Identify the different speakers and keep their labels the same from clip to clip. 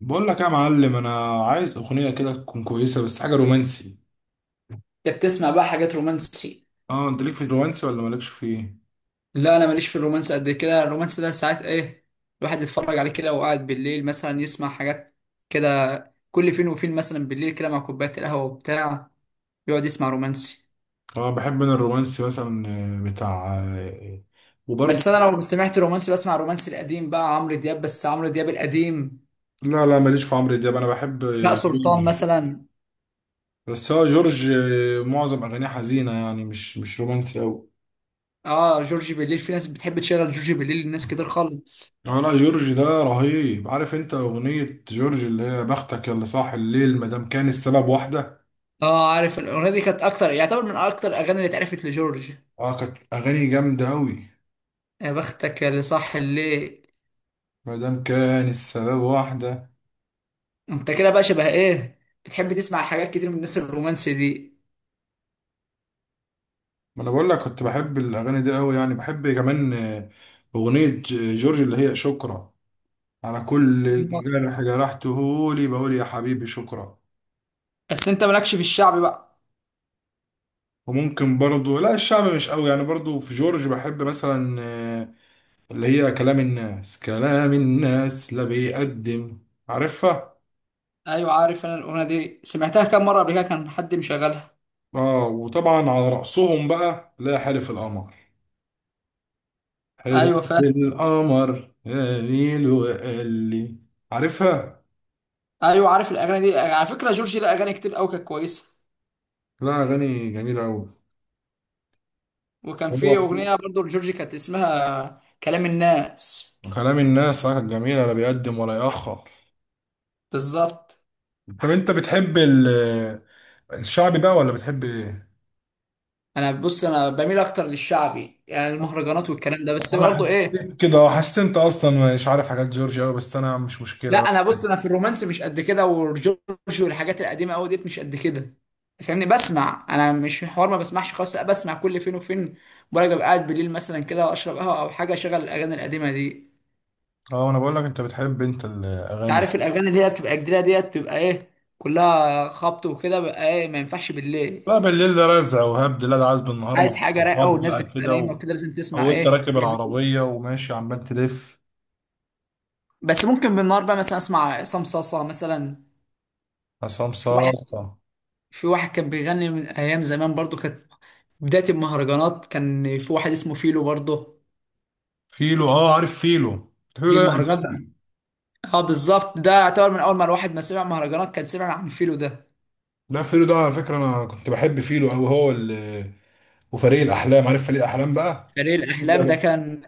Speaker 1: بقول لك يا معلم، انا عايز اغنيه كده تكون كويسه بس حاجه رومانسي.
Speaker 2: انت بتسمع بقى حاجات رومانسي؟
Speaker 1: اه، انت ليك في الرومانسي ولا مالكش فيه؟
Speaker 2: لا انا ماليش في الرومانس قد كده. الرومانس ده ساعات ايه، الواحد يتفرج عليه كده وقاعد بالليل مثلا يسمع حاجات كده. كل فين وفين مثلا بالليل كده مع كوبايه القهوه وبتاع يقعد يسمع رومانسي.
Speaker 1: اه، بحب انا الرومانسي مثلا بتاع وبرضه.
Speaker 2: بس انا لو سمعت رومانسي بسمع الرومانسي القديم بقى، عمرو دياب، بس عمرو دياب القديم
Speaker 1: لا، لا، ماليش في عمرو دياب. انا بحب
Speaker 2: بقى،
Speaker 1: جورج.
Speaker 2: سلطان مثلا.
Speaker 1: بس هو جورج، معظم اغانيه حزينه يعني مش رومانسي قوي.
Speaker 2: اه جورجي، بالليل في ناس بتحب تشغل جورجي بالليل، لناس كتير خالص.
Speaker 1: اه، لا، جورج ده رهيب. عارف انت اغنية جورج اللي هي بختك يلا صاح الليل مادام كان السبب واحدة؟
Speaker 2: اه عارف، الاغنيه دي كانت اكتر، يعتبر من اكتر الاغاني اللي اتعرفت لجورج.
Speaker 1: اه، كانت اغاني جامدة اوي.
Speaker 2: يا بختك يا اللي صح الليل.
Speaker 1: مادام كان السبب واحدة.
Speaker 2: انت كده بقى شبه ايه، بتحب تسمع حاجات كتير من الناس الرومانسي دي؟
Speaker 1: ما انا بقول لك، كنت بحب الاغاني دي قوي، يعني بحب كمان اغنيه جورج اللي هي شكرا، على كل جرح جرحته لي، بقول يا حبيبي شكرا.
Speaker 2: بس انت مالكش في الشعبي بقى.
Speaker 1: وممكن برضو، لا الشعب مش قوي، يعني برضو في جورج بحب مثلا اللي هي كلام الناس، كلام الناس لا بيقدم. عارفها؟
Speaker 2: ايوه عارف، انا الاغنيه دي سمعتها كام مره قبل كده، كان حد مشغلها.
Speaker 1: اه، وطبعا على رأسهم بقى، لا حلف القمر حلف
Speaker 2: ايوه فاهم.
Speaker 1: القمر قاليل وقال لي. عارفها؟
Speaker 2: ايوه عارف، الاغاني دي على فكره جورجي لها اغاني كتير قوي كانت كويسه.
Speaker 1: لا، اغاني جميله
Speaker 2: وكان في
Speaker 1: قوي.
Speaker 2: اغنيه برضو لجورجي كانت اسمها كلام الناس.
Speaker 1: كلام الناس، جميل، لا بيقدم ولا يأخر.
Speaker 2: بالظبط.
Speaker 1: طب انت بتحب الشعبي بقى ولا بتحب ايه؟
Speaker 2: انا بص، انا بميل اكتر للشعبي يعني المهرجانات والكلام ده، بس
Speaker 1: انا
Speaker 2: برضو ايه.
Speaker 1: حسيت كده، حسيت انت اصلا مش عارف حاجات جورج قوي، بس انا مش مشكله
Speaker 2: لا
Speaker 1: بقى.
Speaker 2: انا بص، انا في الرومانس مش قد كده، وجورج والحاجات القديمه قوي ديت مش قد كده، فاهمني؟ بسمع، انا مش في حوار ما بسمعش خالص، لا بسمع كل فين وفين. برجع أبقى قاعد بالليل مثلا كده واشرب قهوه او حاجه، اشغل الاغاني القديمه دي.
Speaker 1: اه، انا بقول لك، انت بتحب
Speaker 2: انت
Speaker 1: الاغاني دي.
Speaker 2: عارف الاغاني اللي هي بتبقى جديده ديت بتبقى ايه، كلها خبط وكده بقى، ايه ما ينفعش بالليل.
Speaker 1: لا، بالليل ده رزع وهبد. لا ده عايز بالنهار مع
Speaker 2: عايز حاجه رايقه،
Speaker 1: الصحاب
Speaker 2: والناس
Speaker 1: بقى
Speaker 2: بتبقى
Speaker 1: كده
Speaker 2: نايمه وكده لازم
Speaker 1: او
Speaker 2: تسمع
Speaker 1: انت
Speaker 2: ايه،
Speaker 1: راكب
Speaker 2: هدوء.
Speaker 1: العربيه وماشي عمال تلف.
Speaker 2: بس ممكن بالنهار بقى مثلا اسمع عصام صاصا مثلا.
Speaker 1: عصام
Speaker 2: في واحد
Speaker 1: صاصه.
Speaker 2: في واحد كان بيغني من ايام زمان، برضو كانت بداية المهرجانات كان في واحد اسمه فيلو برضه.
Speaker 1: فيلو، اه، عارف فيلو. فيلو
Speaker 2: دي
Speaker 1: ده
Speaker 2: المهرجان ده.
Speaker 1: قديم.
Speaker 2: اه بالظبط، ده اعتبر من اول ما الواحد ما سمع مهرجانات كان سمع عن فيلو ده.
Speaker 1: ده فيلو ده، على فكره انا كنت بحب فيلو، او هو اللي وفريق الاحلام. عارف فريق الاحلام بقى؟
Speaker 2: فريق الاحلام ده
Speaker 1: جدع.
Speaker 2: كان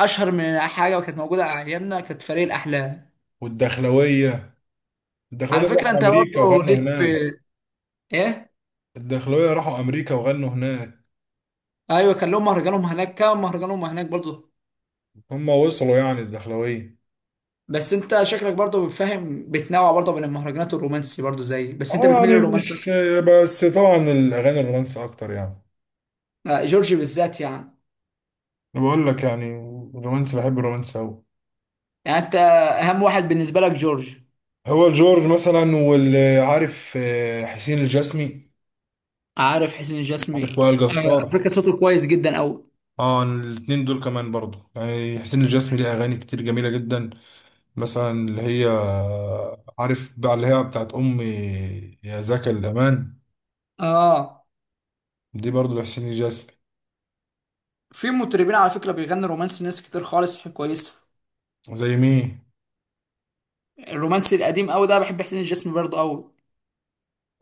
Speaker 2: اشهر من حاجة، وكانت موجودة على ايامنا كانت فريق الاحلام.
Speaker 1: والدخلويه. الدخلويه
Speaker 2: على
Speaker 1: دول
Speaker 2: فكرة
Speaker 1: راحوا
Speaker 2: انت
Speaker 1: امريكا
Speaker 2: برضه
Speaker 1: وغنوا
Speaker 2: ليك
Speaker 1: هناك.
Speaker 2: في ايه.
Speaker 1: الدخلويه راحوا امريكا وغنوا هناك.
Speaker 2: ايوه كان لهم مهرجانهم هناك، كان مهرجانهم هناك برضه.
Speaker 1: هم وصلوا يعني، الدخلويه.
Speaker 2: بس انت شكلك برضه بتفهم، بتنوع برضه بين المهرجانات والرومانسي برضه زي، بس انت
Speaker 1: اه،
Speaker 2: بتميل
Speaker 1: يعني
Speaker 2: للرومانسي
Speaker 1: مش،
Speaker 2: اكتر.
Speaker 1: بس طبعا الاغاني الرومانسي اكتر يعني.
Speaker 2: جورج بالذات يعني.
Speaker 1: انا بقول لك يعني، الرومانسي، بحب الرومانسي قوي.
Speaker 2: يعني انت اهم واحد بالنسبة لك جورج؟
Speaker 1: هو جورج مثلا، واللي عارف حسين الجسمي.
Speaker 2: عارف حسين
Speaker 1: عارف
Speaker 2: الجسمي.
Speaker 1: وائل جسار؟
Speaker 2: فكرة صوته كويس جدا أوي.
Speaker 1: اه، الاتنين دول كمان برضو، يعني حسين الجسمي ليه اغاني كتير جميله جدا، مثلا اللي هي، عارف بقى اللي هي بتاعت أمي، يا زكا الأمان.
Speaker 2: اه،
Speaker 1: دي برضو لحسين الجسمي.
Speaker 2: في مطربين على فكرة بيغنوا رومانسي ناس كتير خالص كويسة.
Speaker 1: زي مين؟
Speaker 2: الرومانسي القديم أوي ده، بحب حسين الجسمي برضه أوي.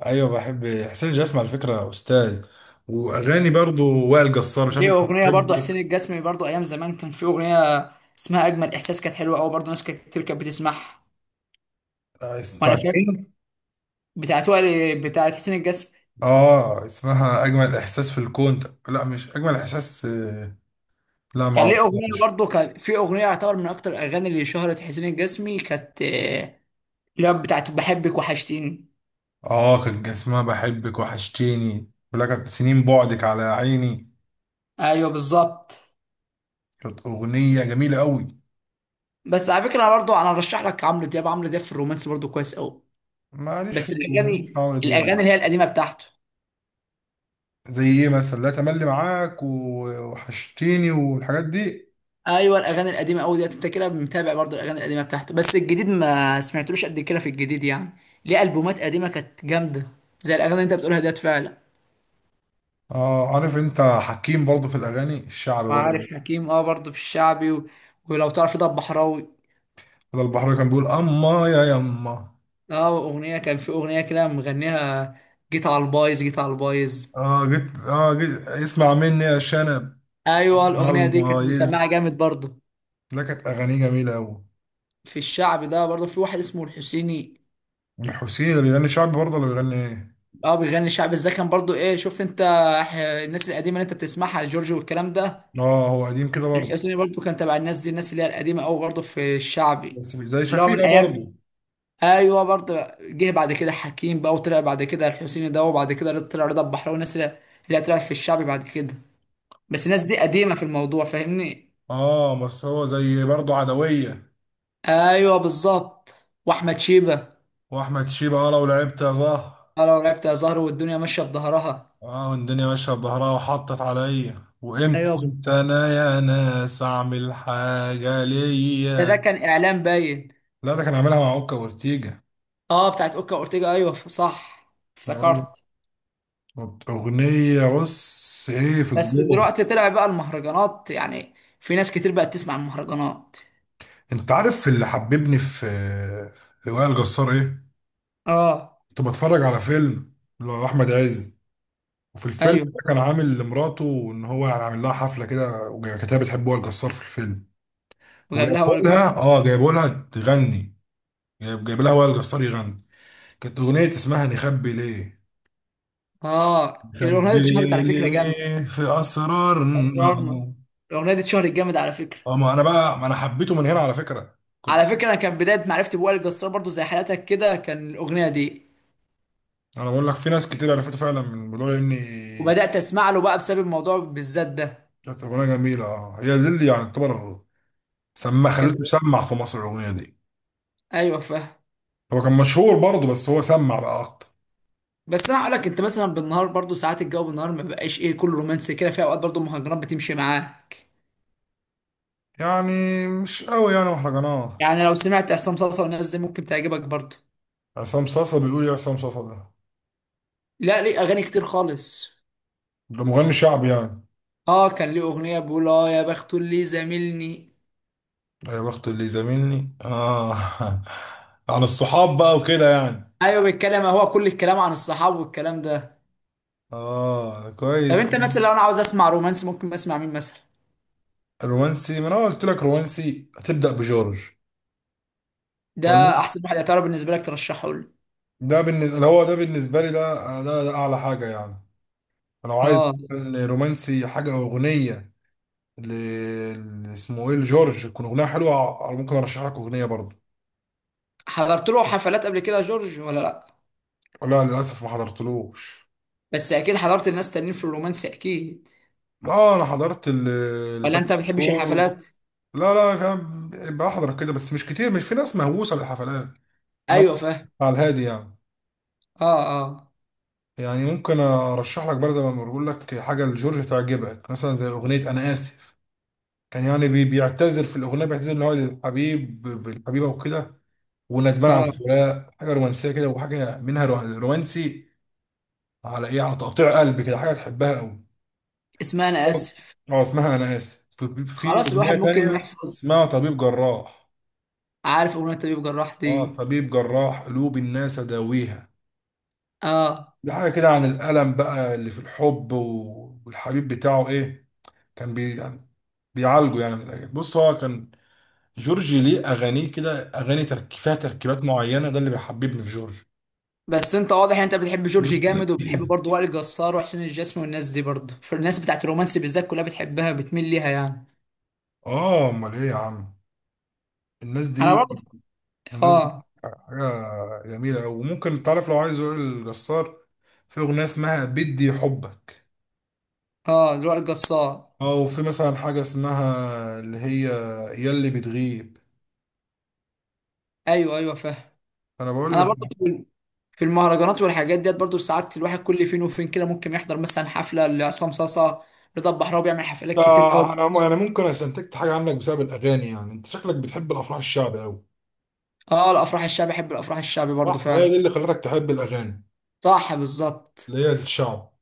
Speaker 1: أيوة، بحب حسين الجسمي على فكرة، أستاذ. وأغاني برضو وائل جسار، مش عارف
Speaker 2: ليه
Speaker 1: أنت
Speaker 2: أغنية برضه
Speaker 1: بتحبه.
Speaker 2: حسين الجسمي، برضه أيام زمان كان في أغنية اسمها أجمل إحساس، كانت حلوة أوي برضه ناس كتير كانت بتسمعها. وأنا
Speaker 1: بتاعت
Speaker 2: فاكر
Speaker 1: مين؟
Speaker 2: بتاعت وائل، بتاعت حسين الجسمي.
Speaker 1: آه، اسمها أجمل إحساس في الكون. لا، مش أجمل إحساس، لا،
Speaker 2: كان ليه أغنية
Speaker 1: معرفهاش.
Speaker 2: برضه، كان في أغنية يعتبر من أكتر الأغاني اللي شهرت حسين الجسمي، كانت اللي هي بتاعت بحبك وحشتيني.
Speaker 1: آه، كان اسمها بحبك وحشتيني ولك سنين بعدك على عيني.
Speaker 2: أيوه بالظبط.
Speaker 1: كانت أغنية جميلة أوي.
Speaker 2: بس على فكره برضو انا ارشح لك عمرو دياب، عمرو دياب في الرومانس برضو كويس قوي.
Speaker 1: معلش في
Speaker 2: بس
Speaker 1: معلش في
Speaker 2: الاغاني
Speaker 1: عمرو
Speaker 2: الاغاني
Speaker 1: دياب.
Speaker 2: اللي هي القديمه بتاعته.
Speaker 1: زي ايه مثلا، لا تملي معاك وحشتيني والحاجات دي.
Speaker 2: ايوه الاغاني القديمه قوي ديت، انت كده متابع برضو الاغاني القديمه بتاعته، بس الجديد ما سمعتلوش قد كده في الجديد يعني. ليه البومات قديمه كانت جامده، زي الاغاني اللي انت بتقولها ديت فعلا.
Speaker 1: اه، عارف انت حكيم برضه في الاغاني الشعبي برضه؟
Speaker 2: وعارف حكيم، اه برضو في الشعبي ولو تعرف ده بحراوي.
Speaker 1: ده البحر كان بيقول اما يا يما.
Speaker 2: اه اغنيه، كان في اغنيه كده مغنيها جيت على البايظ، جيت على البايظ.
Speaker 1: اه، جيت اسمع مني يا شنب.
Speaker 2: ايوه الاغنيه دي كانت
Speaker 1: البايظ.
Speaker 2: مسمعه جامد برضو.
Speaker 1: لا، كانت اغانيه جميله قوي.
Speaker 2: في الشعب ده برضو في واحد اسمه الحسيني.
Speaker 1: الحسين اللي بيغني شعبي برضه، اللي بيغني ايه؟
Speaker 2: اه بيغني شعبي، ازاي كان برضو، ايه شفت انت الناس القديمه اللي انت بتسمعها جورج والكلام ده.
Speaker 1: اه، هو قديم كده برضه.
Speaker 2: الحسيني برضو كان تبع الناس دي، الناس اللي هي القديمه قوي برضو في الشعبي.
Speaker 1: بس مش زي
Speaker 2: اللي هو من
Speaker 1: شفيقة
Speaker 2: ايام.
Speaker 1: برضه.
Speaker 2: ايوه برضو. جه بعد كده حكيم بقى، وطلع بعد كده الحسيني ده، وبعد كده طلع رضا البحراوي والناس اللي اللي طلعت في الشعبي بعد كده. بس الناس دي قديمه في الموضوع، فاهمني؟
Speaker 1: اه، بس هو زي برضه عدوية.
Speaker 2: ايوه بالظبط، واحمد شيبه.
Speaker 1: واحمد شيبة. اه، لو لعبت يا زهر.
Speaker 2: اه لو لعبت يا زهر، والدنيا ماشيه بظهرها.
Speaker 1: اه، والدنيا ماشية بظهرها وحطت عليا. وامتى
Speaker 2: ايوه بالظبط.
Speaker 1: امتى انا يا ناس اعمل حاجة
Speaker 2: ده
Speaker 1: ليا.
Speaker 2: كان اعلان باين.
Speaker 1: لا، ده كان عاملها مع اوكا وارتيجا.
Speaker 2: اه بتاعت اوكا اورتيجا، ايوه صح، افتكرت.
Speaker 1: اغنية بص ايه في
Speaker 2: بس
Speaker 1: الجو.
Speaker 2: دلوقتي طلع بقى المهرجانات يعني، في ناس كتير بقت تسمع المهرجانات.
Speaker 1: انت عارف اللي حببني في وائل جسار ايه؟
Speaker 2: اه.
Speaker 1: كنت بتفرج على فيلم لاحمد عز، وفي الفيلم
Speaker 2: ايوه
Speaker 1: ده كان عامل لمراته، ان هو يعني عامل لها حفلة كده، وكانت هي بتحب وائل جسار في الفيلم.
Speaker 2: وجايب لها
Speaker 1: وجايبوا
Speaker 2: وائل
Speaker 1: لها،
Speaker 2: جسار.
Speaker 1: جايبوا لها تغني. جايب لها وائل جسار يغني. كانت أغنية اسمها نخبي ليه.
Speaker 2: اه الاغنيه دي
Speaker 1: نخبي
Speaker 2: اتشهرت على فكره جامد.
Speaker 1: ليه في أسرارنا.
Speaker 2: اسرارنا، الاغنيه دي اتشهرت جامد على فكره.
Speaker 1: اه، ما أنا حبيته من هنا على فكرة.
Speaker 2: على
Speaker 1: كنت.
Speaker 2: فكره انا كان بدايه معرفتي بوائل جسار برضو زي حالتك كده، كان الاغنيه دي،
Speaker 1: أنا بقول لك في ناس كتير عرفته فعلا من الموضوع إني،
Speaker 2: وبدات اسمع له بقى بسبب الموضوع بالذات ده.
Speaker 1: كانت أغنية جميلة. اه هي دي اللي يعني تعتبر، خليته
Speaker 2: كانت.
Speaker 1: يسمع في مصر الأغنية دي.
Speaker 2: ايوه فاهم.
Speaker 1: هو كان مشهور برضه، بس هو سمع بقى أكتر.
Speaker 2: بس انا هقول لك، انت مثلا بالنهار برضو ساعات الجو بالنهار ما بقاش ايه كله رومانسي كده، في اوقات برضو المهرجانات بتمشي معاك
Speaker 1: يعني مش قوي يعني مهرجانات.
Speaker 2: يعني. لو سمعت عصام صاصا والناس دي ممكن تعجبك برضو.
Speaker 1: عصام صاصا بيقول إيه؟ عصام صاصا ده،
Speaker 2: لا ليه اغاني كتير خالص.
Speaker 1: ده مغني شعبي يعني.
Speaker 2: اه كان ليه اغنيه بيقول اه يا بخت اللي زاملني.
Speaker 1: يا بخت اللي زاملني. اه. عن الصحاب بقى وكده يعني.
Speaker 2: ايوه بيتكلم هو كل الكلام عن الصحاب والكلام ده.
Speaker 1: اه،
Speaker 2: طب
Speaker 1: كويس.
Speaker 2: انت مثلا، لو انا عاوز اسمع رومانس ممكن اسمع مين مثلا؟
Speaker 1: رومانسي؟ ما انا قلت لك رومانسي هتبدأ بجورج. ولا،
Speaker 2: ده احسن واحد يعتبر بالنسبه لك ترشحه لي.
Speaker 1: ده بالنسبة، اللي هو ده بالنسبة لي، ده ده اعلى حاجة يعني. لو عايز
Speaker 2: اه.
Speaker 1: مثلاً رومانسي، حاجة او اغنية اللي اسمه ايه لجورج تكون اغنية حلوة، ممكن ارشح لك اغنية برضه.
Speaker 2: حضرت له حفلات قبل كده يا جورج ولا لا؟
Speaker 1: لا، للاسف ما حضرتلوش.
Speaker 2: بس اكيد حضرت الناس تانيين في الرومانس اكيد.
Speaker 1: اه، انا حضرت اللي
Speaker 2: ولا
Speaker 1: تامر
Speaker 2: انت ما بتحبش
Speaker 1: عاشور.
Speaker 2: الحفلات؟
Speaker 1: لا، لا، فاهم. بحضر كده بس مش كتير، مش في ناس مهووسة بالحفلات. انا
Speaker 2: ايوه فاهم.
Speaker 1: على الهادي يعني.
Speaker 2: اه. اه.
Speaker 1: يعني ممكن ارشح لك برضه، زي ما بقول لك، حاجه لجورج تعجبك، مثلا زي اغنيه انا اسف. كان يعني بيعتذر في الاغنيه، بيعتذر ان هو للحبيب بالحبيبه وكده، وندمان على
Speaker 2: اه
Speaker 1: الفراق، حاجه رومانسيه كده، وحاجه منها رومانسي، على ايه؟ على تقطيع قلب كده، حاجه تحبها قوي.
Speaker 2: اسمها انا اسف.
Speaker 1: اه، اسمها انا اسف. في
Speaker 2: خلاص الواحد
Speaker 1: اغنيه
Speaker 2: ممكن
Speaker 1: تانية
Speaker 2: يحفظ.
Speaker 1: اسمها طبيب جراح.
Speaker 2: عارف اغنيه طبيب جراح
Speaker 1: اه،
Speaker 2: دي؟
Speaker 1: طبيب جراح قلوب الناس اداويها.
Speaker 2: اه.
Speaker 1: دي حاجه كده عن الالم بقى اللي في الحب، والحبيب بتاعه ايه، كان بي يعني، بيعالجوا يعني من الاجانب. بص، هو كان، جورج ليه اغانيه كده، اغاني ترك فيها تركيبات معينه، ده اللي بيحببني في جورج.
Speaker 2: بس انت واضح ان انت بتحب جورجي جامد، وبتحب برضه وائل جسار وحسين الجسمي والناس دي برضه، فالناس بتاعت الرومانسي بالذات كلها بتحبها، بتميل ليها يعني.
Speaker 1: اه، امال ايه يا عم؟ الناس
Speaker 2: انا
Speaker 1: دي،
Speaker 2: برضه.
Speaker 1: الناس دي
Speaker 2: اه.
Speaker 1: حاجه جميله أوي. وممكن تعرف، لو عايز يقول الجسار، في اغنيه اسمها بدي حبك.
Speaker 2: اه وائل جسار.
Speaker 1: اه، وفي مثلا حاجه اسمها اللي هي ياللي بتغيب.
Speaker 2: ايوه ايوه فاهم.
Speaker 1: انا بقول
Speaker 2: انا
Speaker 1: لك،
Speaker 2: برضه في المهرجانات والحاجات ديت برضه، ساعات الواحد كل فين وفين كده ممكن يحضر مثلا حفله لعصام صاصا. رضا البحراوي بيعمل حفلات
Speaker 1: ده،
Speaker 2: كتير قوي.
Speaker 1: انا ممكن استنتجت حاجه عنك بسبب الاغاني، يعني انت شكلك بتحب الافراح الشعبي قوي.
Speaker 2: اه الافراح الشعبي، بحب الافراح الشعبي برضه
Speaker 1: صح؟ ما هي
Speaker 2: فعلا.
Speaker 1: دي اللي خلتك تحب الاغاني
Speaker 2: صح بالظبط.
Speaker 1: اللي هي الشعب.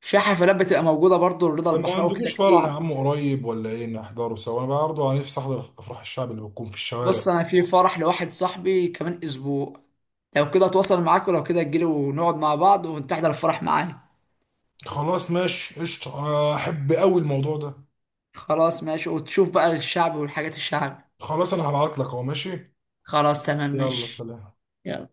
Speaker 2: في حفلات بتبقى موجوده برضه لرضا
Speaker 1: طب ما
Speaker 2: البحراوي كده
Speaker 1: عندكوش فرح يا
Speaker 2: كتير.
Speaker 1: عم قريب ولا ايه؟ نحضره سوا، انا برضه على نفسي احضر افراح الشعب اللي بتكون في الشوارع.
Speaker 2: بص انا في فرح لواحد صاحبي كمان اسبوع، لو كده اتواصل معاك، ولو كده تجيلي ونقعد مع بعض وتحضر الفرح معايا.
Speaker 1: خلاص ماشي، قشطه، انا احب قوي الموضوع ده.
Speaker 2: خلاص ماشي، وتشوف بقى الشعب والحاجات الشعب.
Speaker 1: خلاص انا هبعت لك اهو، ماشي.
Speaker 2: خلاص تمام
Speaker 1: يلا،
Speaker 2: ماشي.
Speaker 1: سلام.
Speaker 2: يلا.